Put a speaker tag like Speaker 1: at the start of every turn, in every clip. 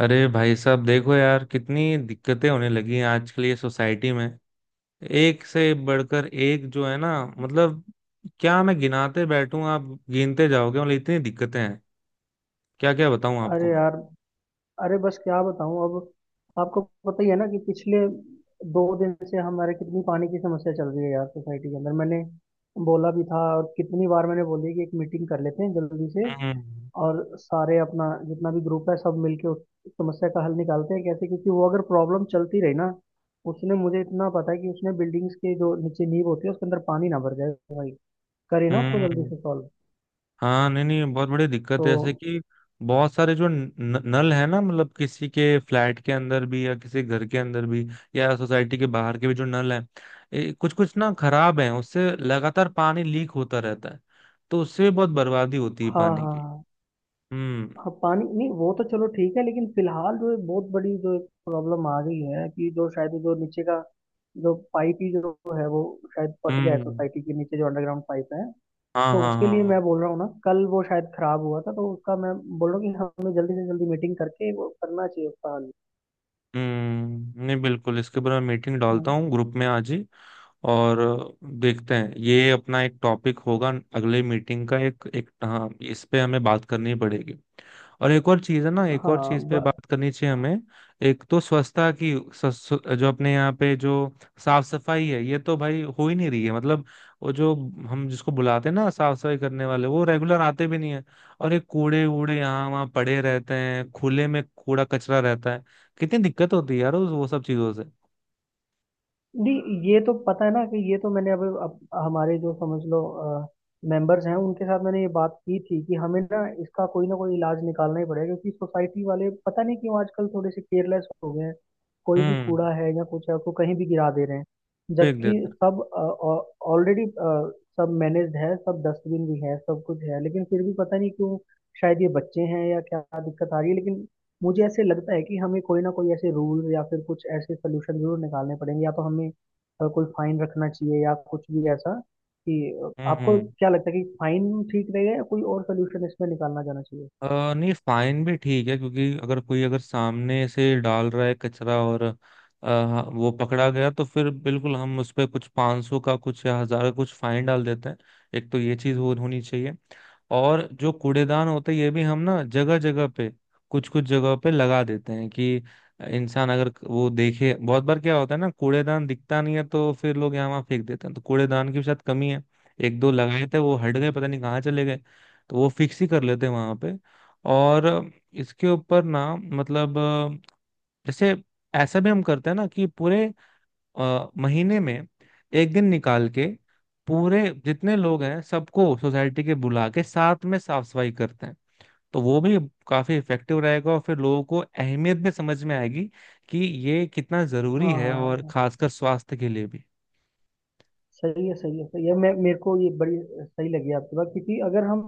Speaker 1: अरे भाई साहब, देखो यार, कितनी दिक्कतें होने लगी हैं आजकल ये सोसाइटी में। एक से बढ़कर एक जो है ना। मतलब क्या मैं गिनाते बैठूं, आप गिनते जाओगे। मतलब इतनी दिक्कतें हैं, क्या क्या बताऊं आपको
Speaker 2: अरे
Speaker 1: मैं।
Speaker 2: यार, अरे बस क्या बताऊं अब आपको। पता ही है ना कि पिछले दो दिन से हमारे कितनी पानी की समस्या चल रही है यार सोसाइटी के अंदर। मैंने बोला भी था और कितनी बार मैंने बोली कि एक मीटिंग कर लेते हैं जल्दी से
Speaker 1: हम्म
Speaker 2: और सारे अपना जितना भी ग्रुप है सब मिलके उस समस्या का हल निकालते हैं कैसे, क्योंकि वो अगर प्रॉब्लम चलती रही ना, उसने मुझे इतना पता है कि उसने बिल्डिंग्स के जो नीचे नींव होती है उसके अंदर पानी ना भर जाए भाई, करे ना उसको जल्दी
Speaker 1: हम्म।
Speaker 2: से सॉल्व।
Speaker 1: हाँ, नहीं नहीं, बहुत बड़ी दिक्कत है। जैसे
Speaker 2: तो
Speaker 1: कि बहुत सारे जो न, न- नल है ना, मतलब किसी के फ्लैट के अंदर भी या किसी घर के अंदर भी या सोसाइटी के बाहर के भी जो नल है, कुछ कुछ ना खराब हैं, उससे लगातार पानी लीक होता रहता है। तो उससे भी बहुत बर्बादी होती है
Speaker 2: हाँ
Speaker 1: पानी
Speaker 2: हाँ
Speaker 1: की।
Speaker 2: हाँ।
Speaker 1: हम्म
Speaker 2: हाँ पानी नहीं वो तो चलो ठीक है, लेकिन फिलहाल जो है बहुत बड़ी जो एक प्रॉब्लम आ गई है कि जो शायद जो नीचे का जो पाइप ही जो है वो शायद फट गया है
Speaker 1: हम्म।
Speaker 2: सोसाइटी के नीचे, जो अंडरग्राउंड पाइप है।
Speaker 1: हाँ
Speaker 2: तो
Speaker 1: हाँ
Speaker 2: उसके
Speaker 1: हाँ
Speaker 2: लिए मैं
Speaker 1: हाँ।
Speaker 2: बोल रहा हूँ ना, कल वो शायद खराब हुआ था तो उसका मैं बोल रहा हूँ कि हमें जल्दी से जल्दी मीटिंग करके वो करना चाहिए उसका हल।
Speaker 1: हम्म। नहीं, बिल्कुल इसके ऊपर मैं मीटिंग डालता
Speaker 2: हम्म।
Speaker 1: हूँ ग्रुप में आज ही। और देखते हैं, ये अपना एक टॉपिक होगा अगले मीटिंग का। एक एक हाँ, इस पे हमें बात करनी पड़ेगी। और एक और चीज है ना, एक और
Speaker 2: हाँ
Speaker 1: चीज पे
Speaker 2: ब,
Speaker 1: बात करनी चाहिए हमें। एक तो स्वच्छता की जो अपने यहाँ पे जो साफ सफाई है, ये तो भाई हो ही नहीं रही है। मतलब वो जो हम जिसको बुलाते हैं ना साफ सफाई करने वाले, वो रेगुलर आते भी नहीं है। और ये कूड़े वूड़े यहाँ वहाँ पड़े रहते हैं, खुले में कूड़ा कचरा रहता है। कितनी दिक्कत होती है यार वो सब चीजों से।
Speaker 2: नहीं ये तो पता है ना कि ये तो मैंने अब हमारे जो समझ लो मेंबर्स हैं उनके साथ मैंने ये बात की थी कि हमें ना इसका कोई ना कोई इलाज निकालना ही पड़ेगा, क्योंकि सोसाइटी वाले पता नहीं क्यों आजकल थोड़े से केयरलेस हो गए हैं। कोई भी
Speaker 1: हम्म।
Speaker 2: कूड़ा है या कुछ है उसको कहीं भी गिरा दे रहे हैं,
Speaker 1: फेंक
Speaker 2: जबकि
Speaker 1: देते हैं।
Speaker 2: सब ऑलरेडी सब मैनेज्ड है, सब डस्टबिन भी है, सब कुछ है, लेकिन फिर भी पता नहीं क्यों, शायद ये बच्चे हैं या क्या दिक्कत आ रही है। लेकिन मुझे ऐसे लगता है कि हमें कोई ना कोई ऐसे रूल या फिर कुछ ऐसे सोल्यूशन जरूर निकालने पड़ेंगे। या तो हमें कोई फाइन रखना चाहिए या कुछ भी ऐसा कि आपको
Speaker 1: हम्म।
Speaker 2: क्या लगता है कि फाइन ठीक रहेगा या कोई और सोल्यूशन इसमें निकालना जाना चाहिए।
Speaker 1: नहीं, फाइन भी ठीक है, क्योंकि अगर कोई अगर सामने से डाल रहा है कचरा, और वो पकड़ा गया, तो फिर बिल्कुल हम उस पर कुछ 500 का कुछ या हजार का कुछ फाइन डाल देते हैं। एक तो ये चीज हो होनी चाहिए। और जो कूड़ेदान होते हैं, ये भी हम ना जगह जगह पे, कुछ कुछ जगह पे लगा देते हैं। कि इंसान अगर वो देखे, बहुत बार क्या होता है ना, कूड़ेदान दिखता नहीं है तो फिर लोग यहाँ वहाँ फेंक देते हैं। तो कूड़ेदान की भी शायद कमी है। एक दो लगाए थे, वो हट गए, पता नहीं कहाँ चले गए। तो वो फिक्स ही कर लेते हैं वहां पे। और इसके ऊपर ना, मतलब जैसे ऐसा भी हम करते हैं ना कि पूरे महीने में एक दिन निकाल के पूरे जितने लोग हैं सबको सोसाइटी के बुला के साथ में साफ सफाई करते हैं। तो वो भी काफी इफेक्टिव रहेगा, और फिर लोगों को अहमियत भी समझ में आएगी कि ये कितना जरूरी
Speaker 2: हाँ
Speaker 1: है,
Speaker 2: हाँ
Speaker 1: और
Speaker 2: हाँ,
Speaker 1: खासकर स्वास्थ्य के लिए भी।
Speaker 2: सही है सही है सही है। मैं मेरे को ये बड़ी सही लगी आपकी बात, क्योंकि अगर हम,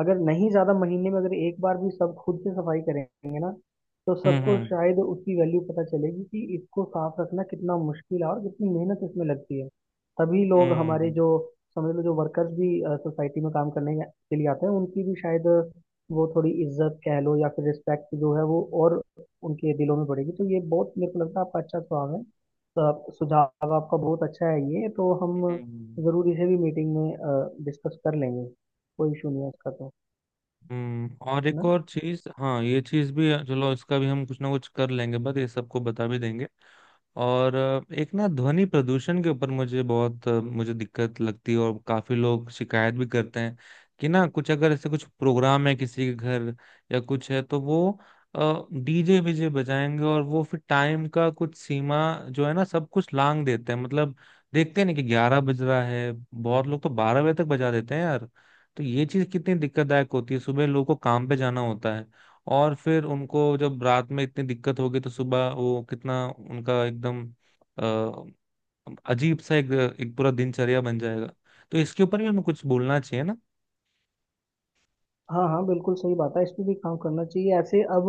Speaker 2: अगर नहीं ज्यादा महीने में अगर एक बार भी सब खुद से सफाई करेंगे ना तो
Speaker 1: हम्म
Speaker 2: सबको
Speaker 1: हम्म
Speaker 2: शायद उसकी वैल्यू पता चलेगी कि इसको साफ रखना कितना मुश्किल है और कितनी मेहनत इसमें लगती है। तभी लोग हमारे
Speaker 1: हम्म
Speaker 2: जो समझ लो जो वर्कर्स भी सोसाइटी में काम करने के लिए आते हैं उनकी भी शायद वो थोड़ी इज्जत कह लो या फिर रिस्पेक्ट जो है वो और उनके दिलों में बढ़ेगी। तो ये बहुत मेरे को लगता है आपका अच्छा सुझाव है। सब सुझाव आपका बहुत अच्छा है, ये तो हम
Speaker 1: हम्म। हम्म।
Speaker 2: जरूर इसे भी मीटिंग में डिस्कस कर लेंगे, कोई इशू नहीं है इसका तो।
Speaker 1: हम्म, और
Speaker 2: है
Speaker 1: एक
Speaker 2: ना।
Speaker 1: और चीज, हाँ ये चीज भी, चलो इसका भी हम कुछ ना कुछ कर लेंगे, बट ये सबको बता भी देंगे। और एक ना ध्वनि प्रदूषण के ऊपर मुझे बहुत मुझे दिक्कत लगती है, और काफी लोग शिकायत भी करते हैं कि ना कुछ अगर ऐसे कुछ प्रोग्राम है किसी के घर या कुछ है तो वो डीजे वीजे बजाएंगे, और वो फिर टाइम का कुछ सीमा जो है ना सब कुछ लांग देते हैं। मतलब देखते नहीं कि 11 बज रहा है, बहुत लोग तो 12 बजे तक बजा देते हैं यार। तो ये चीज कितनी दिक्कतदायक होती है, सुबह लोगों को काम पे जाना होता है, और फिर उनको जब रात में इतनी दिक्कत हो गई तो सुबह वो कितना, उनका एकदम अ, अजीब सा एक एक पूरा दिनचर्या बन जाएगा। तो इसके ऊपर भी हमें कुछ बोलना चाहिए ना।
Speaker 2: हाँ हाँ, बिल्कुल सही बात है, इस पे भी काम करना चाहिए। ऐसे अब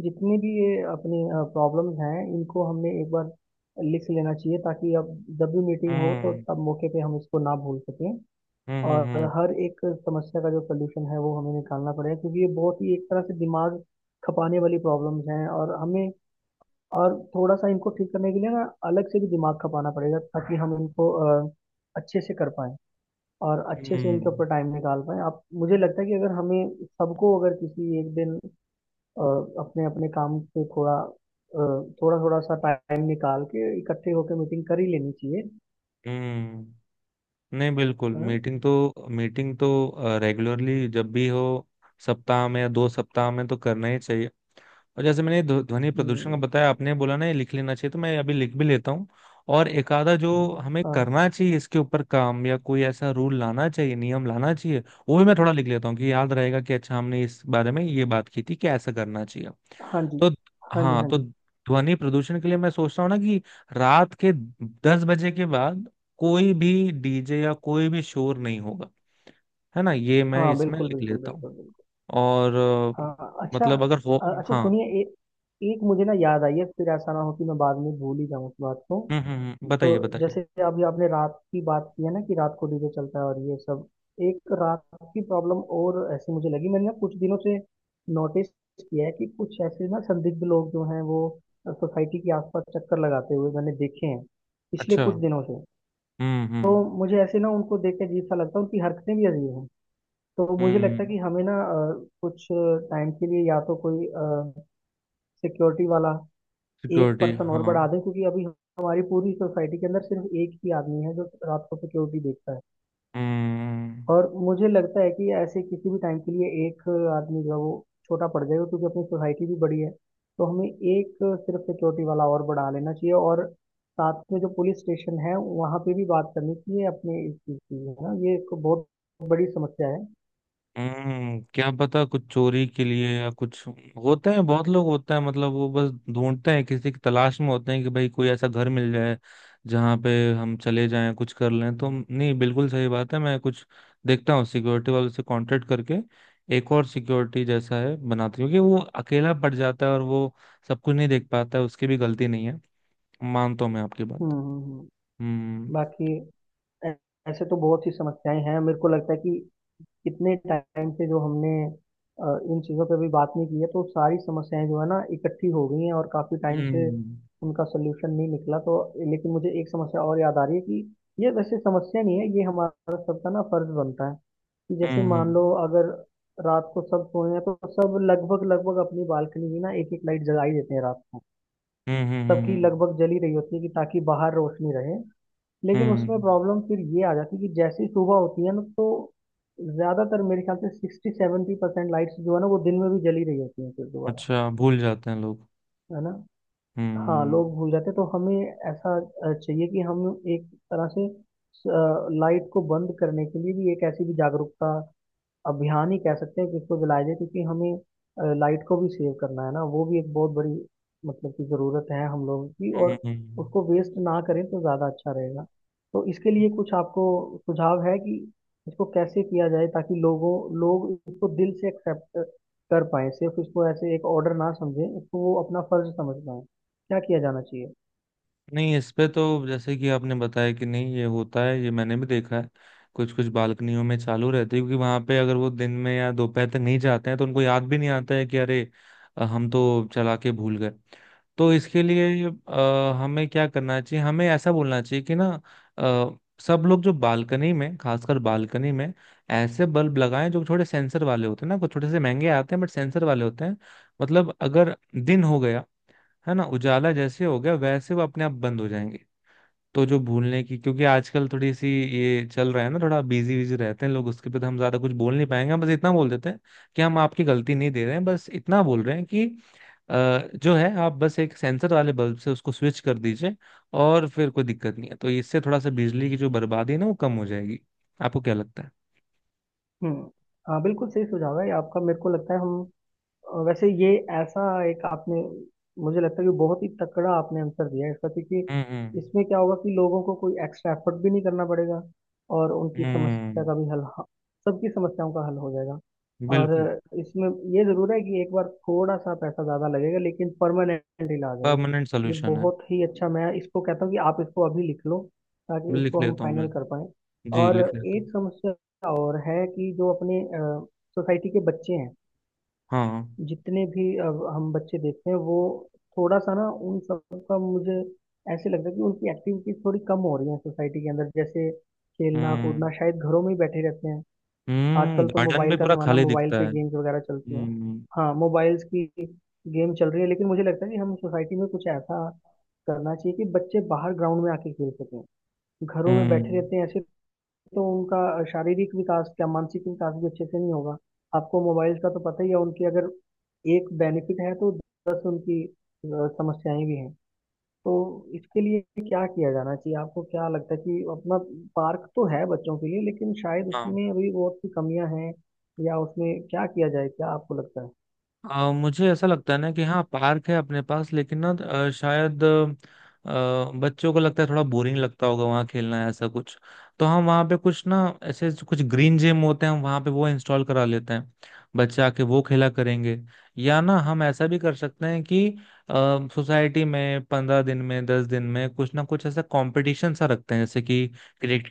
Speaker 2: जितनी भी ये अपनी प्रॉब्लम्स हैं, इनको हमने एक बार लिख लेना चाहिए ताकि अब जब भी मीटिंग हो तो
Speaker 1: हम्म
Speaker 2: तब मौके पे हम इसको ना भूल सकें।
Speaker 1: हम्म
Speaker 2: और
Speaker 1: हम्म
Speaker 2: हर एक समस्या का जो सोल्यूशन है वो हमें निकालना पड़ेगा, क्योंकि ये बहुत ही एक तरह से दिमाग खपाने वाली प्रॉब्लम्स हैं, और हमें और थोड़ा सा इनको ठीक करने के लिए ना अलग से भी दिमाग खपाना पड़ेगा ताकि हम इनको अ, अच्छे से कर पाएं और अच्छे से
Speaker 1: हम्म।
Speaker 2: इनके ऊपर टाइम निकाल पाएं। आप, मुझे लगता है कि अगर हमें सबको अगर किसी एक दिन अ, अपने अपने काम से थोड़ा थोड़ा थोड़ा सा टाइम निकाल के इकट्ठे होकर मीटिंग कर ही लेनी चाहिए।
Speaker 1: हम्म, नहीं बिल्कुल,
Speaker 2: हाँ।
Speaker 1: मीटिंग तो, मीटिंग तो रेगुलरली जब भी हो, सप्ताह में या 2 सप्ताह में, तो करना ही चाहिए। और जैसे मैंने ध्वनि प्रदूषण
Speaker 2: हम्म।
Speaker 1: का बताया, आपने बोला ना ये लिख लेना चाहिए, तो मैं अभी लिख भी लेता हूँ। और एक आधा जो हमें
Speaker 2: हाँ।
Speaker 1: करना चाहिए इसके ऊपर काम, या कोई ऐसा रूल लाना चाहिए, नियम लाना चाहिए, वो भी मैं थोड़ा लिख लेता हूँ कि याद रहेगा कि अच्छा हमने इस बारे में ये बात की थी कि ऐसा करना चाहिए।
Speaker 2: हाँ जी
Speaker 1: तो
Speaker 2: हाँ जी
Speaker 1: हाँ,
Speaker 2: हाँ
Speaker 1: तो
Speaker 2: जी।
Speaker 1: ध्वनि प्रदूषण के लिए मैं सोचता हूँ ना कि रात के 10 बजे के बाद कोई भी डीजे या कोई भी शोर नहीं होगा। है ना, ये मैं
Speaker 2: हाँ
Speaker 1: इसमें
Speaker 2: बिल्कुल
Speaker 1: लिख
Speaker 2: बिल्कुल
Speaker 1: लेता हूँ।
Speaker 2: बिल्कुल बिल्कुल।
Speaker 1: और अ,
Speaker 2: हाँ हाँ, अच्छा,
Speaker 1: मतलब अगर हो।
Speaker 2: अच्छा
Speaker 1: हाँ।
Speaker 2: सुनिए, एक मुझे ना याद आई है, फिर ऐसा ना हो कि मैं बाद में भूल ही जाऊँ उस बात को। तो
Speaker 1: बताइए बताइए।
Speaker 2: जैसे अभी आपने रात की बात की है ना कि रात को डीजे चलता है और ये सब, एक रात की प्रॉब्लम और ऐसी मुझे लगी। मैंने ना कुछ दिनों से नोटिस किया है कि कुछ ऐसे ना संदिग्ध लोग जो हैं वो सोसाइटी के आसपास चक्कर लगाते हुए मैंने देखे हैं पिछले
Speaker 1: अच्छा।
Speaker 2: कुछ दिनों से। तो
Speaker 1: हम्म।
Speaker 2: मुझे ऐसे ना उनको देख के अजीब सा लगता है, उनकी हरकतें भी अजीब हैं। तो मुझे लगता है
Speaker 1: हम्म,
Speaker 2: कि हमें ना कुछ टाइम के लिए या तो कोई सिक्योरिटी वाला एक
Speaker 1: सिक्योरिटी,
Speaker 2: पर्सन और
Speaker 1: हाँ।
Speaker 2: बढ़ा दें, क्योंकि अभी हमारी पूरी सोसाइटी के अंदर सिर्फ एक ही आदमी है जो रात को सिक्योरिटी देखता है।
Speaker 1: हम्म
Speaker 2: और मुझे लगता है कि ऐसे किसी भी टाइम के लिए एक आदमी जो है वो छोटा पड़ जाएगा, क्योंकि अपनी सोसाइटी भी बड़ी है। तो हमें एक सिर्फ सिक्योरिटी वाला और बढ़ा लेना चाहिए, और साथ में जो पुलिस स्टेशन है वहाँ पे भी बात करनी चाहिए अपने इस चीज़ की। है ना, ये एक बहुत बड़ी समस्या है।
Speaker 1: हम्म, क्या पता कुछ चोरी के लिए या कुछ। होते हैं, बहुत लोग होते हैं, मतलब वो बस ढूंढते हैं, किसी की तलाश में होते हैं कि भाई कोई ऐसा घर मिल जाए जहाँ पे हम चले जाएं कुछ कर लें। तो नहीं, बिल्कुल सही बात है, मैं कुछ देखता हूँ, सिक्योरिटी वालों से कांटेक्ट करके एक और सिक्योरिटी जैसा है बनाती हूँ, क्योंकि वो अकेला पड़ जाता है और वो सब कुछ नहीं देख पाता है, उसकी भी गलती नहीं है, मानता हूँ मैं आपकी
Speaker 2: हम्म
Speaker 1: बात।
Speaker 2: हम्म, हम्म।
Speaker 1: हम्म
Speaker 2: बाकी ऐ- ऐसे तो बहुत सी समस्याएं हैं। मेरे को लगता है कि कितने टाइम से जो हमने अ, इन चीज़ों पे भी बात नहीं की है, तो सारी समस्याएं जो है ना इकट्ठी हो गई हैं और काफ़ी टाइम से
Speaker 1: हम्म
Speaker 2: उनका सोल्यूशन नहीं निकला तो। लेकिन मुझे एक समस्या और याद आ रही है कि ये वैसे समस्या नहीं है, ये हमारा सबका ना फर्ज बनता है कि जैसे मान
Speaker 1: हम्म
Speaker 2: लो अगर रात को सब सोए हैं तो सब लगभग लगभग अपनी बालकनी में ना एक एक लाइट जला ही देते हैं रात को।
Speaker 1: हम्म।
Speaker 2: सबकी लगभग जली रही होती है कि ताकि बाहर रोशनी रहे, लेकिन उसमें
Speaker 1: हम्म,
Speaker 2: प्रॉब्लम फिर ये आ जाती है कि जैसे ही सुबह होती है ना तो ज्यादातर मेरे ख्याल से 60-70% लाइट्स जो है ना वो दिन में भी जली रही होती हैं फिर दोबारा।
Speaker 1: अच्छा, भूल जाते हैं लोग।
Speaker 2: है ना। हाँ,
Speaker 1: हम्म
Speaker 2: लोग भूल जाते हैं। तो हमें ऐसा चाहिए कि हम एक तरह से लाइट को बंद करने के लिए भी एक ऐसी भी जागरूकता अभियान ही कह सकते हैं कि इसको जलाया जाए, क्योंकि हमें लाइट को भी सेव करना है ना, वो भी एक बहुत बड़ी मतलब की ज़रूरत है हम लोगों की,
Speaker 1: हम्म
Speaker 2: और उसको वेस्ट ना करें तो ज़्यादा अच्छा रहेगा। तो इसके लिए कुछ आपको सुझाव है कि इसको कैसे किया जाए ताकि लोग इसको दिल से एक्सेप्ट कर पाए, सिर्फ इसको ऐसे एक ऑर्डर ना समझें, इसको वो अपना फर्ज समझ पाए। क्या किया जाना चाहिए?
Speaker 1: नहीं, इस पे तो जैसे कि आपने बताया कि नहीं ये होता है, ये मैंने भी देखा है, कुछ कुछ बालकनियों में चालू रहती है क्योंकि वहां पे अगर वो दिन में या दोपहर तक नहीं जाते हैं तो उनको याद भी नहीं आता है कि अरे हम तो चला के भूल गए। तो इसके लिए हमें क्या करना चाहिए, हमें ऐसा बोलना चाहिए कि ना सब लोग जो बालकनी में, खासकर बालकनी में, ऐसे बल्ब लगाएं जो थोड़े सेंसर वाले होते हैं ना, कुछ थोड़े से महंगे आते हैं, बट सेंसर वाले होते हैं। मतलब अगर दिन हो गया है ना, उजाला जैसे हो गया वैसे वो अपने आप बंद हो जाएंगे। तो जो भूलने की, क्योंकि आजकल थोड़ी सी ये चल रहा है ना, थोड़ा बिजी बिजी रहते हैं लोग, उसके पे तो हम ज्यादा कुछ बोल नहीं पाएंगे, हम बस इतना बोल देते हैं कि हम आपकी गलती नहीं दे रहे हैं, बस इतना बोल रहे हैं कि जो है आप बस एक सेंसर वाले बल्ब से उसको स्विच कर दीजिए और फिर कोई दिक्कत नहीं है, तो इससे थोड़ा सा बिजली की जो बर्बादी है ना वो कम हो जाएगी। आपको क्या लगता है?
Speaker 2: हम्म। हाँ बिल्कुल सही सुझाव है ये आपका। मेरे को लगता है हम वैसे ये ऐसा एक आपने, मुझे लगता है कि बहुत ही तकड़ा आपने आंसर दिया है इसका, क्योंकि
Speaker 1: हम्म
Speaker 2: इसमें क्या होगा कि लोगों को कोई एक्स्ट्रा एफर्ट भी नहीं करना पड़ेगा, और उनकी समस्या
Speaker 1: हम्म।
Speaker 2: का भी हल, सबकी समस्याओं का हल हो जाएगा। और
Speaker 1: बिल्कुल।
Speaker 2: इसमें ये जरूर है कि एक बार थोड़ा सा पैसा ज्यादा लगेगा लेकिन परमानेंट इलाज है ये।
Speaker 1: परमानेंट
Speaker 2: ये
Speaker 1: सोल्यूशन है।
Speaker 2: बहुत ही अच्छा। मैं इसको कहता हूँ कि आप इसको अभी लिख लो ताकि
Speaker 1: लिख
Speaker 2: इसको हम
Speaker 1: लेता हूँ
Speaker 2: फाइनल
Speaker 1: मैं,
Speaker 2: कर पाए।
Speaker 1: जी
Speaker 2: और
Speaker 1: लिख लेता हूँ।
Speaker 2: एक समस्या और है कि जो अपने सोसाइटी के बच्चे हैं,
Speaker 1: हाँ।
Speaker 2: जितने भी अब हम बच्चे देखते हैं वो थोड़ा सा ना उन सब का मुझे ऐसे लगता है कि उनकी एक्टिविटीज थोड़ी कम हो रही है सोसाइटी के अंदर, जैसे खेलना कूदना,
Speaker 1: हम्म
Speaker 2: शायद घरों में ही बैठे रहते हैं।
Speaker 1: हम्म,
Speaker 2: आजकल तो
Speaker 1: गार्डन
Speaker 2: मोबाइल
Speaker 1: में
Speaker 2: का
Speaker 1: पूरा
Speaker 2: जमाना,
Speaker 1: खाली
Speaker 2: मोबाइल
Speaker 1: दिखता
Speaker 2: पे
Speaker 1: है।
Speaker 2: गेम्स वगैरह चलती हैं। हाँ मोबाइल्स की गेम चल रही है, लेकिन मुझे लगता है कि हम सोसाइटी में कुछ ऐसा करना चाहिए कि बच्चे बाहर ग्राउंड में आके खेल सकें। घरों में बैठे
Speaker 1: हम्म।
Speaker 2: रहते हैं ऐसे, तो उनका शारीरिक विकास क्या मानसिक विकास भी अच्छे से नहीं होगा। आपको मोबाइल का तो पता ही है, उनकी अगर एक बेनिफिट है तो 10 उनकी समस्याएं भी हैं। तो इसके लिए क्या किया जाना चाहिए, आपको क्या लगता है? कि अपना पार्क तो है बच्चों के लिए लेकिन शायद
Speaker 1: हाँ।
Speaker 2: उसमें अभी बहुत सी कमियां हैं, या उसमें क्या किया जाए, क्या आपको लगता है?
Speaker 1: आ, मुझे ऐसा लगता है ना कि हाँ पार्क है अपने पास, लेकिन ना शायद बच्चों को लगता है थोड़ा बोरिंग लगता होगा वहाँ खेलना, है ऐसा कुछ। तो हम वहाँ पे कुछ ना, ऐसे कुछ ग्रीन जिम होते हैं, हम वहाँ पे वो इंस्टॉल करा लेते हैं, बच्चे आके वो खेला करेंगे। या ना हम ऐसा भी कर सकते हैं कि सोसाइटी में 15 दिन में, 10 दिन में, कुछ ना कुछ ऐसा कंपटीशन सा रखते हैं, जैसे कि क्रिकेट,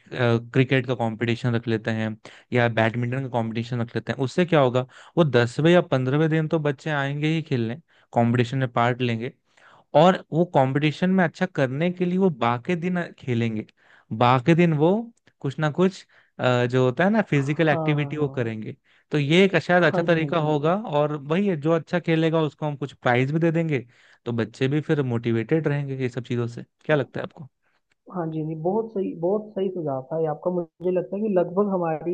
Speaker 1: क्रिकेट का कंपटीशन रख लेते हैं, या बैडमिंटन का कंपटीशन रख लेते हैं। उससे क्या होगा, वो 10वें या 15वें दिन तो बच्चे आएंगे ही खेलने, कंपटीशन में पार्ट लेंगे, और वो कंपटीशन में अच्छा करने के लिए वो बाकी दिन खेलेंगे। बाकी दिन वो कुछ ना कुछ जो होता है ना फिजिकल
Speaker 2: हाँ हाँ
Speaker 1: एक्टिविटी वो
Speaker 2: हाँ।
Speaker 1: करेंगे। तो ये एक शायद अच्छा
Speaker 2: हाँ जी हाँ
Speaker 1: तरीका
Speaker 2: जी हाँ जी।
Speaker 1: होगा, और वही है जो अच्छा खेलेगा उसको हम कुछ प्राइज भी दे देंगे। तो बच्चे भी फिर मोटिवेटेड रहेंगे ये सब चीजों से। क्या लगता है आपको?
Speaker 2: हाँ जी, नहीं बहुत सही, बहुत सही सुझाव था ये आपका। मुझे लगता है कि लगभग हमारी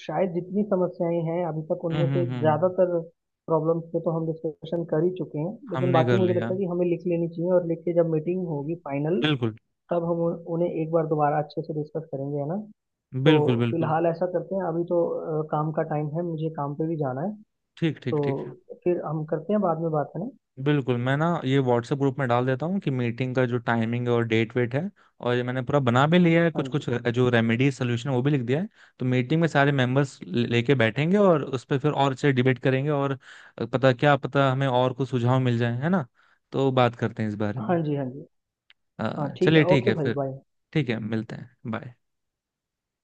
Speaker 2: शायद जितनी समस्याएं हैं अभी तक उनमें से
Speaker 1: हम्म।
Speaker 2: ज्यादातर प्रॉब्लम्स पे तो हम डिस्कशन कर ही चुके हैं, लेकिन
Speaker 1: हमने
Speaker 2: बाकी
Speaker 1: कर
Speaker 2: मुझे
Speaker 1: लिया।
Speaker 2: लगता है कि हमें लिख लेनी चाहिए, और लिख के जब मीटिंग होगी फाइनल
Speaker 1: बिल्कुल
Speaker 2: तब हम उन्हें एक बार दोबारा अच्छे से डिस्कस करेंगे। है ना। तो
Speaker 1: बिल्कुल बिल्कुल।
Speaker 2: फिलहाल ऐसा करते हैं, अभी तो काम का टाइम है, मुझे काम पे भी जाना है।
Speaker 1: ठीक ठीक
Speaker 2: तो
Speaker 1: ठीक।
Speaker 2: फिर हम करते हैं बाद में बात, है ना।
Speaker 1: बिल्कुल, मैं ना ये व्हाट्सएप ग्रुप में डाल देता हूँ कि मीटिंग का जो टाइमिंग और डेट वेट है। और ये मैंने पूरा बना भी लिया है, कुछ
Speaker 2: हाँ जी
Speaker 1: कुछ जो रेमेडी सोल्यूशन है वो भी लिख दिया है। तो मीटिंग में सारे मेंबर्स लेके बैठेंगे और उस पर फिर और से डिबेट करेंगे, और पता, क्या पता हमें और कुछ सुझाव मिल जाए, है ना। तो बात करते हैं इस बारे में।
Speaker 2: हाँ जी हाँ जी। हाँ ठीक
Speaker 1: चलिए
Speaker 2: है,
Speaker 1: ठीक
Speaker 2: ओके
Speaker 1: है
Speaker 2: भाई,
Speaker 1: फिर।
Speaker 2: बाय।
Speaker 1: ठीक है, मिलते हैं, बाय।